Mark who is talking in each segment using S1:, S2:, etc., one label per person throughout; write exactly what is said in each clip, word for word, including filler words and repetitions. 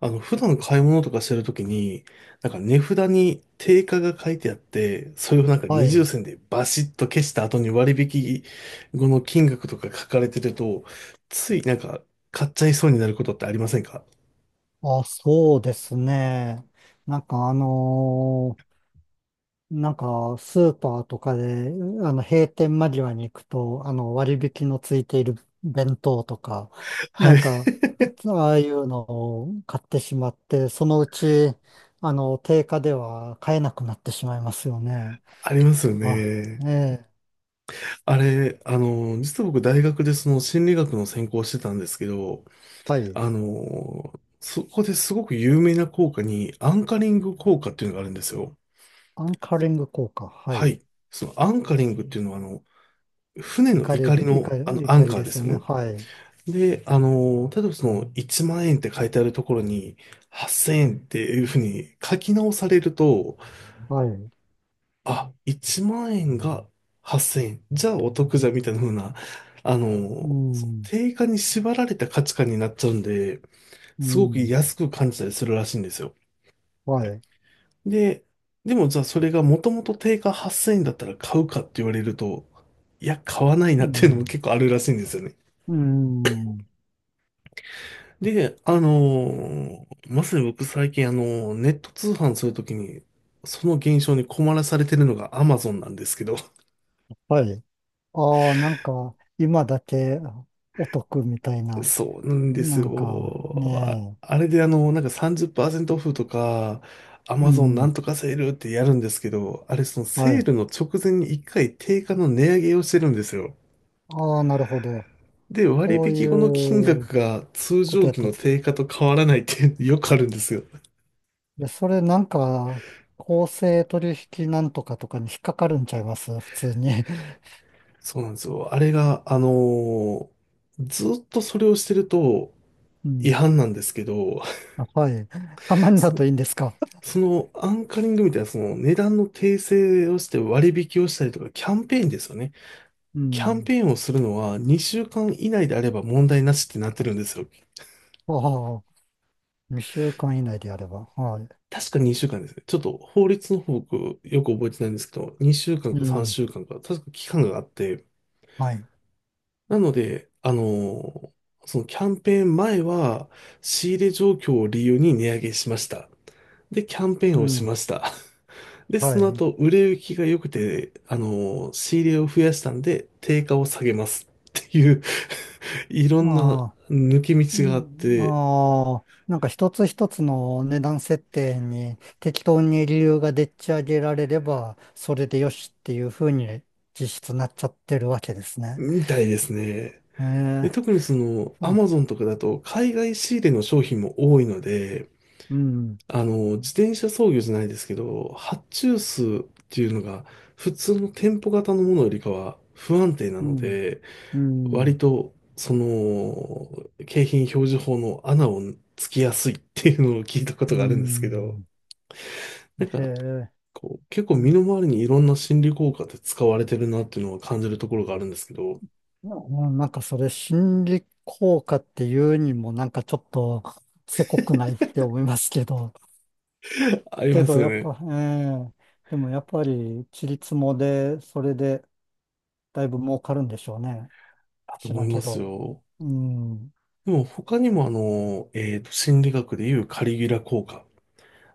S1: あの、普段買い物とかしてるときに、なんか値札に定価が書いてあって、それをなんか
S2: は
S1: 二重
S2: い。
S1: 線でバシッと消した後に割引後の金額とか書かれてると、ついなんか買っちゃいそうになることってありませんか？
S2: あ、そうですね。なんかあのーなんかスーパーとかで、あの、閉店間際に行くと、あの、割引のついている弁当とか、な
S1: はい。
S2: んか、ああいうのを買ってしまって、そのうち、あの、定価では買えなくなってしまいますよね。
S1: ありますよ
S2: は
S1: ね。
S2: い。ええ、
S1: あれ、あの、実は僕大学でその心理学の専攻をしてたんですけど、
S2: はい。
S1: あの、そこですごく有名な効果にアンカリング効果っていうのがあるんですよ。
S2: アンカリング効果。は
S1: は
S2: い。
S1: い。そのアンカリングっていうのはあの、船の
S2: 怒り
S1: 怒
S2: で、
S1: りの、
S2: 怒り、
S1: あのア
S2: 怒
S1: ン
S2: り
S1: カー
S2: で
S1: で
S2: すよ
S1: す
S2: ね。
S1: よね。
S2: はい。
S1: で、あの、例えばそのいちまん円って書いてあるところにはっせんえんっていうふうに書き直されると、
S2: はい。
S1: あ、いちまん円がはっせんえん、じゃあお得じゃんみたいなふうな、あ
S2: う
S1: の、
S2: ん。
S1: 定価に縛られた価値観になっちゃうんで、
S2: う
S1: すごく
S2: ん。
S1: 安く感じたりするらしいんですよ。
S2: はい。
S1: で、でもじゃあそれがもともと定価はっせんえんだったら買うかって言われると、いや、買わない
S2: う
S1: なっていうのも
S2: ん。
S1: 結構あるらしいんですよね。
S2: うん。
S1: で、あのーまさに僕最近あのーネット通販するときに、その現象に困らされてるのが Amazon なんですけど、
S2: はい。ああ、なんか、今だけお得みたい な、
S1: そうなんです
S2: なんか、
S1: よ。あ、
S2: ね
S1: あれであのなんかさんじゅっパーセントオフとか、
S2: え。う
S1: Amazon なん
S2: ん。
S1: とかセールってやるんですけど、あれその
S2: は
S1: セー
S2: い。
S1: ルの直前に一回定価の値上げをしてるんですよ。
S2: ああ、なるほど。
S1: で、割
S2: そう
S1: 引後の金
S2: いう
S1: 額が通
S2: こと
S1: 常
S2: やっ
S1: 期
S2: てるん
S1: の
S2: です。
S1: 定価と変わらないっていうよくあるんですよ。
S2: いや、それなんか、公正取引なんとかとかに引っかかるんちゃいます普通に。
S1: そうなんですよ。あれが、あのーずっとそれをしてると
S2: う
S1: 違
S2: ん。
S1: 反なんですけど、
S2: あ、はい。たま に
S1: そ
S2: だ
S1: の、
S2: といいんですか。
S1: そのアンカリングみたいな、その値段の訂正をして割引をしたりとか、キャンペーンですよね。
S2: う
S1: キャン
S2: ん。
S1: ペーンをするのはにしゅうかん以内であれば問題なしってなってるんですよ。
S2: ああ、にしゅうかん以内でやれば。はい。
S1: 確かにしゅうかんですね。ちょっと法律の方僕よく覚えてないんですけど、にしゅうかん
S2: う
S1: か
S2: ん。
S1: さんしゅうかんかんか、確か期間があって、
S2: はい。
S1: なので、あのーそのキャンペーン前は、仕入れ状況を理由に値上げしました。で、キャンペー
S2: う
S1: ンをし
S2: ん。
S1: ました。で、
S2: は
S1: その
S2: い。
S1: 後、売れ行きが良くて、あのー仕入れを増やしたんで、定価を下げます。っていう いろ
S2: あ
S1: んな
S2: あ。
S1: 抜け道
S2: う
S1: があっ
S2: ん、
S1: て、
S2: ああ、なんか一つ一つの値段設定に適当に理由がでっち上げられれば、それでよしっていうふうに実質なっちゃってるわけですね。
S1: みたいですね。
S2: え
S1: で、
S2: え、
S1: 特にその、ア
S2: そう、
S1: マゾンとかだと、海外仕入れの商品も多いので、
S2: うん、
S1: あの、自転車操業じゃないですけど、発注数っていうのが普通の店舗型のものよりかは不安定な
S2: う
S1: の
S2: ん、
S1: で、
S2: う
S1: 割
S2: ん、
S1: とその景品表示法の穴をつきやすいっていうのを聞いたこ
S2: う
S1: とがあるんですけど、
S2: ん。
S1: なん
S2: へ
S1: か
S2: え、
S1: こう結構
S2: う
S1: 身
S2: ん、
S1: の回りにいろんな心理効果って使われてるなっていうのは感じるところがあるんですけど、
S2: ななんかそれ心理効果っていうにもなんかちょっとせこくないって思いますけど、
S1: あり
S2: け
S1: ます
S2: ど
S1: よ
S2: やっ
S1: ね。
S2: ぱ、ええ、でもやっぱり、ちりつもで、それで、だいぶ儲かるんでしょうね。
S1: だと
S2: 知ら
S1: 思
S2: ん
S1: い
S2: け
S1: ます
S2: ど。
S1: よ。
S2: うん。
S1: でも他にもあの、えっと、心理学でいうカリギュラ効果。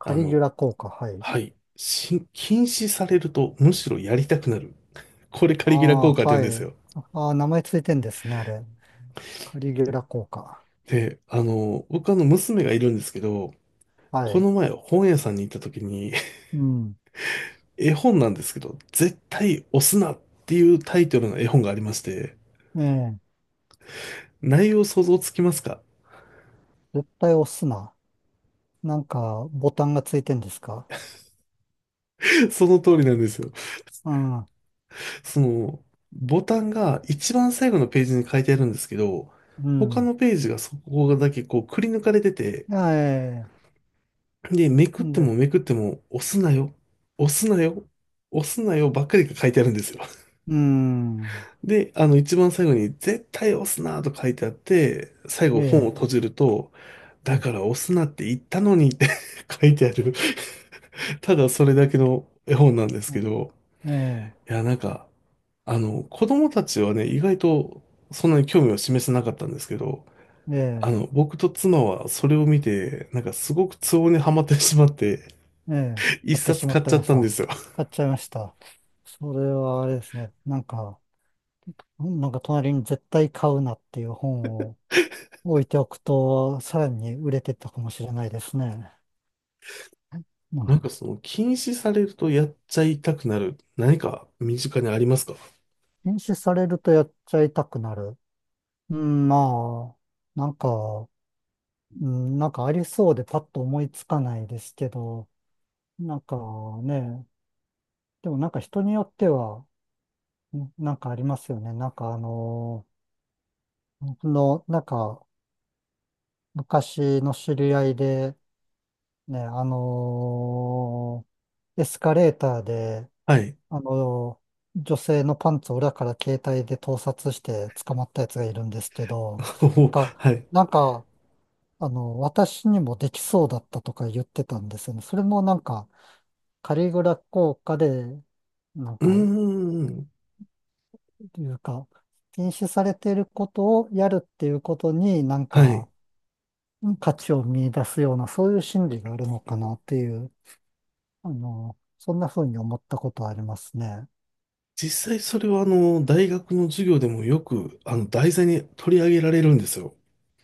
S2: カ
S1: あ
S2: リギ
S1: の、
S2: ュラ効果、はい。
S1: はい。し、禁止されるとむしろやりたくなる。これカ
S2: あ
S1: リギュラ
S2: あ、
S1: 効果って言う
S2: は
S1: んです
S2: い。
S1: よ。
S2: ああ、名前ついてんですね、あれ。カリギュラ効果。
S1: で、あの、僕あの娘がいるんですけど、
S2: は
S1: こ
S2: い。
S1: の前本屋さんに行った時に
S2: うん。
S1: 絵本なんですけど、絶対押すなっていうタイトルの絵本がありまして、
S2: ええ。
S1: 内容想像つきますか？
S2: 絶対押すな。なんか、ボタンがついてんですか？
S1: その通りなんですよ。
S2: うん。
S1: その、ボタンが一番最後のページに書いてあるんですけど、
S2: う
S1: 他
S2: ん。
S1: のページがそこだけこうくり抜かれてて、
S2: いやええ。
S1: で、めく
S2: な
S1: っ
S2: ん
S1: て
S2: で、
S1: もめくっても、押すなよ、押すなよ、押すなよばっかりが書いてあるんですよ。
S2: うん。
S1: で、あの、一番最後に、絶対押すなと書いてあって、最
S2: え
S1: 後本を
S2: え。
S1: 閉じると、
S2: う
S1: だ
S2: ん
S1: から押すなって言ったのにって 書いてある、ただそれだけの絵本なんですけど、
S2: ええ。
S1: いや、なんか、あの、子供たちはね、意外とそんなに興味を示せなかったんですけど、
S2: え
S1: あ
S2: え。
S1: の、僕と妻はそれを見て、なんかすごく都合にはまってしまって、
S2: ええ。
S1: 一
S2: 買って
S1: 冊
S2: しま
S1: 買
S2: っ
S1: っ
S2: た
S1: ちゃ
S2: ま
S1: っ
S2: し
S1: たんで
S2: た。
S1: すよ。
S2: 買っちゃいました。それはあれですね。なんか、なんか隣に絶対買うなっていう本を置いておくと、さらに売れてったかもしれないですね。う
S1: なん
S2: ん。
S1: かその禁止されるとやっちゃいたくなる何か身近にありますか？
S2: 禁止されるとやっちゃいたくなる。うん、まあ、なんか、うん、なんかありそうでパッと思いつかないですけど、なんかね、でもなんか人によっては、んなんかありますよね。なんかあの僕の、なんか昔の知り合いで、ね、あのエスカレーターで、
S1: はい。
S2: あの、女性のパンツを裏から携帯で盗撮して捕まったやつがいるんですけど、なん
S1: お
S2: か、
S1: はい。
S2: なんか、あの、私にもできそうだったとか言ってたんですよね。それもなんか、カリグラ効果で、なん
S1: う
S2: か、い
S1: ーん。
S2: うか、禁止されていることをやるっていうことになん
S1: はい。
S2: か、価値を見出すような、そういう心理があるのかなっていう、あの、そんな風に思ったことはありますね。
S1: 実際それはあの、大学の授業でもよく、あの、題材に取り上げられるんですよ。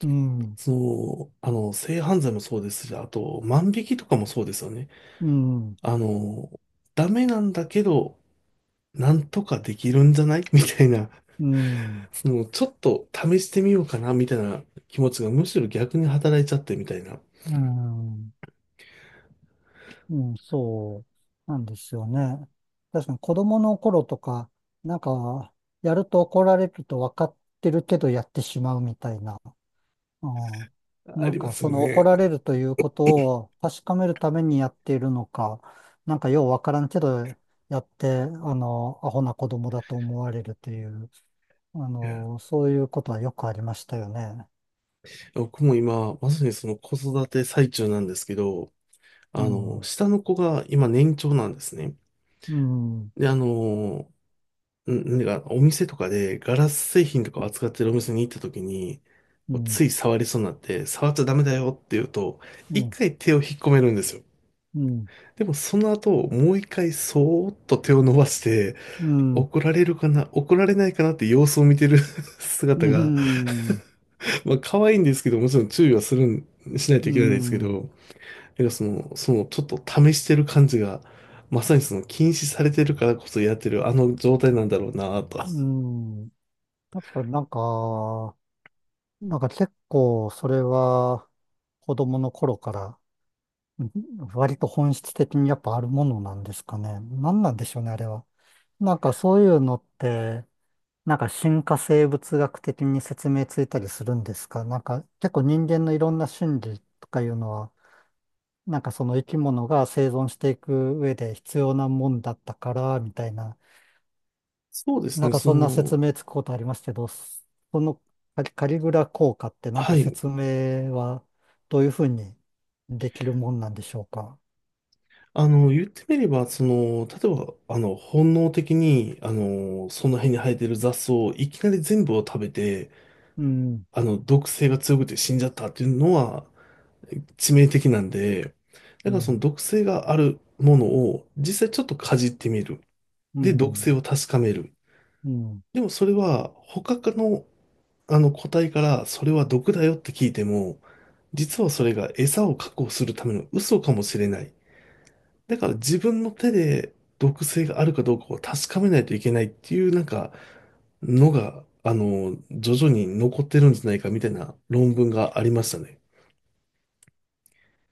S2: うん、
S1: その、あの、性犯罪もそうですし、あと、万引きとかもそうですよね。
S2: うん、
S1: あの、ダメなんだけど、なんとかできるんじゃない みたいな、
S2: うん。
S1: その、ちょっと試してみようかな、みたいな気持ちがむしろ逆に働いちゃってみたいな。
S2: うん、うん、そうなんですよね。確かに子供の頃とか、なんか、やると怒られると分かってるけどやってしまうみたいな。うん、
S1: あ
S2: なん
S1: りま
S2: か、
S1: す
S2: そ
S1: よ
S2: の怒
S1: ね。
S2: られるということを確かめるためにやっているのか、なんかよう分からんけどやって、あの、アホな子供だと思われるという、あ
S1: いや、
S2: の、そういうことはよくありましたよね。
S1: 僕も今、まさにその子育て最中なんですけど、
S2: う
S1: あの、
S2: ん、
S1: 下の子が今年長なんですね。
S2: うん、うん、
S1: で、あの、んなんかお店とかでガラス製品とかを扱ってるお店に行った時に、
S2: う
S1: こう
S2: ん、
S1: つい触りそうになって、触っちゃダメだよって言うと、一回手を引っ込めるんですよ。
S2: うん、
S1: でもその後、もう一回そーっと手を伸ばして、
S2: うん。
S1: 怒られるかな、怒られないかなって様子を見てる
S2: う
S1: 姿が、
S2: ん、
S1: まあ、可愛いんですけど、もちろん注意はするん、しないと
S2: う
S1: いけないですけ
S2: ん、
S1: ど、なんかその、その、ちょっと試してる感じが、まさにその、禁止されてるからこそやってる、あの状態なんだろうなと。
S2: うん。やっぱなんか、なんか結構それは子供の頃からうん割と本質的にやっぱあるものなんですかね。なんなんでしょうね、あれは。なんかそういうのって、なんか進化生物学的に説明ついたりするんですか？なんか結構人間のいろんな心理とかいうのは、なんかその生き物が生存していく上で必要なもんだったから、みたいな。
S1: そうです
S2: なん
S1: ね、
S2: か
S1: そ
S2: そんな
S1: の、
S2: 説明つくことありますけど、そのカリ、カリグラ効果ってなん
S1: は
S2: か
S1: い。
S2: 説明はどういうふうにできるもんなんでしょうか。
S1: あの、言ってみれば、その、例えば、あの、本能的に、あの、その辺に生えてる雑草をいきなり全部を食べて、
S2: うん、
S1: あの、毒性が強くて死んじゃったっていうのは、致命的なんで、だ
S2: う
S1: からそ
S2: ん、
S1: の毒性があるものを実際ちょっとかじってみる。
S2: う
S1: で、毒
S2: ん、
S1: 性を確かめる。
S2: うん、
S1: でもそれは他の、あの個体からそれは毒だよって聞いても、実はそれが餌を確保するための嘘かもしれない。だから自分の手で毒性があるかどうかを確かめないといけないっていうなんかのが、あの、徐々に残ってるんじゃないかみたいな論文がありましたね。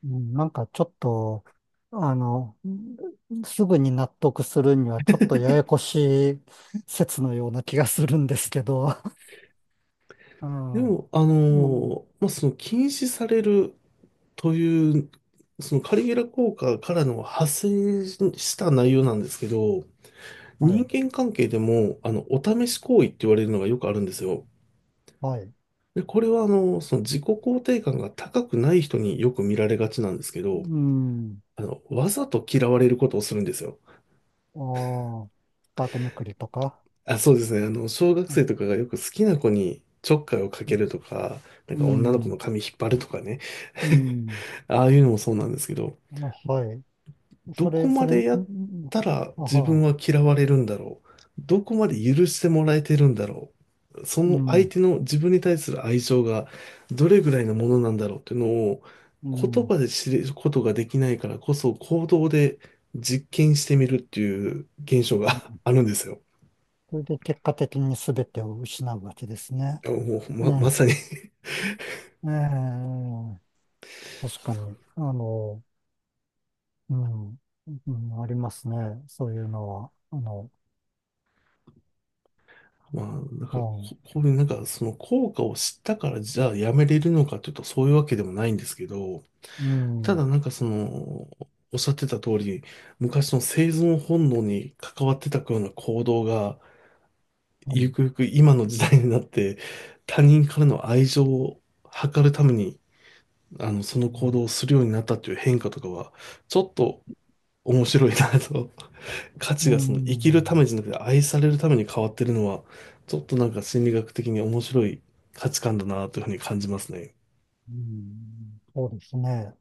S2: うんなんかちょっと、あの、すぐに納得するにはちょっとややこしい説のような気がするんですけど。う
S1: で
S2: ん、
S1: も、あ
S2: うん
S1: の、まあ、その禁止されるという、そのカリゲラ効果からの派生した内容なんですけど、
S2: は
S1: 人
S2: い、
S1: 間関係でも、あの、お試し行為って言われるのがよくあるんですよ。
S2: はい。
S1: で、これは、あの、その自己肯定感が高くない人によく見られがちなんですけ
S2: う
S1: ど、
S2: ん、
S1: あの、わざと嫌われることをするんですよ。
S2: ああ、スカートめくりとか。
S1: あ、そうですね。あの、小学
S2: うん
S1: 生とかがよく好きな子にちょっかいをかけるとか、なん
S2: う
S1: か女の子
S2: ん
S1: の髪引っ張るとかね。
S2: うん。
S1: ああいうのもそうなんですけど、
S2: あ、はい。そ
S1: どこ
S2: れ、そ
S1: ま
S2: れ、ん
S1: でやっ
S2: ん
S1: たら
S2: あ
S1: 自分
S2: は、
S1: は嫌われるんだろう。どこまで許してもらえてるんだろう。そ
S2: う
S1: の相
S2: ん、
S1: 手の自分に対する愛情がどれぐらいのものなんだろうっていうのを
S2: うん。
S1: 言
S2: うん
S1: 葉で知ることができないからこそ行動で実験してみるっていう現象が あるんですよ。
S2: それで結果的に全てを失うわけですね。
S1: もうま、
S2: う
S1: ま
S2: ん。
S1: さに
S2: ええ、確かに。あの、うん、うん、ありますね。そういうのは。あの、
S1: まあ、なんかこ、
S2: う
S1: こういうなんかその効果を知ったからじゃあやめれるのかというとそういうわけでもないんですけど、
S2: ん、う
S1: た
S2: ん、
S1: だなんかその、おっしゃってた通り、昔の生存本能に関わってたような行動が、
S2: は
S1: ゆ
S2: い。
S1: くゆく今の時代になって、他人からの愛情を図るために、あの、その
S2: う
S1: 行
S2: ん、
S1: 動をするようになったっていう変化とかは、ちょっと面白いなと。価
S2: う
S1: 値がその生きるため
S2: ん、
S1: じゃなくて愛されるために変わってるのは、ちょっとなんか心理学的に面白い価値観だなというふうに感じますね。
S2: うんそうですね。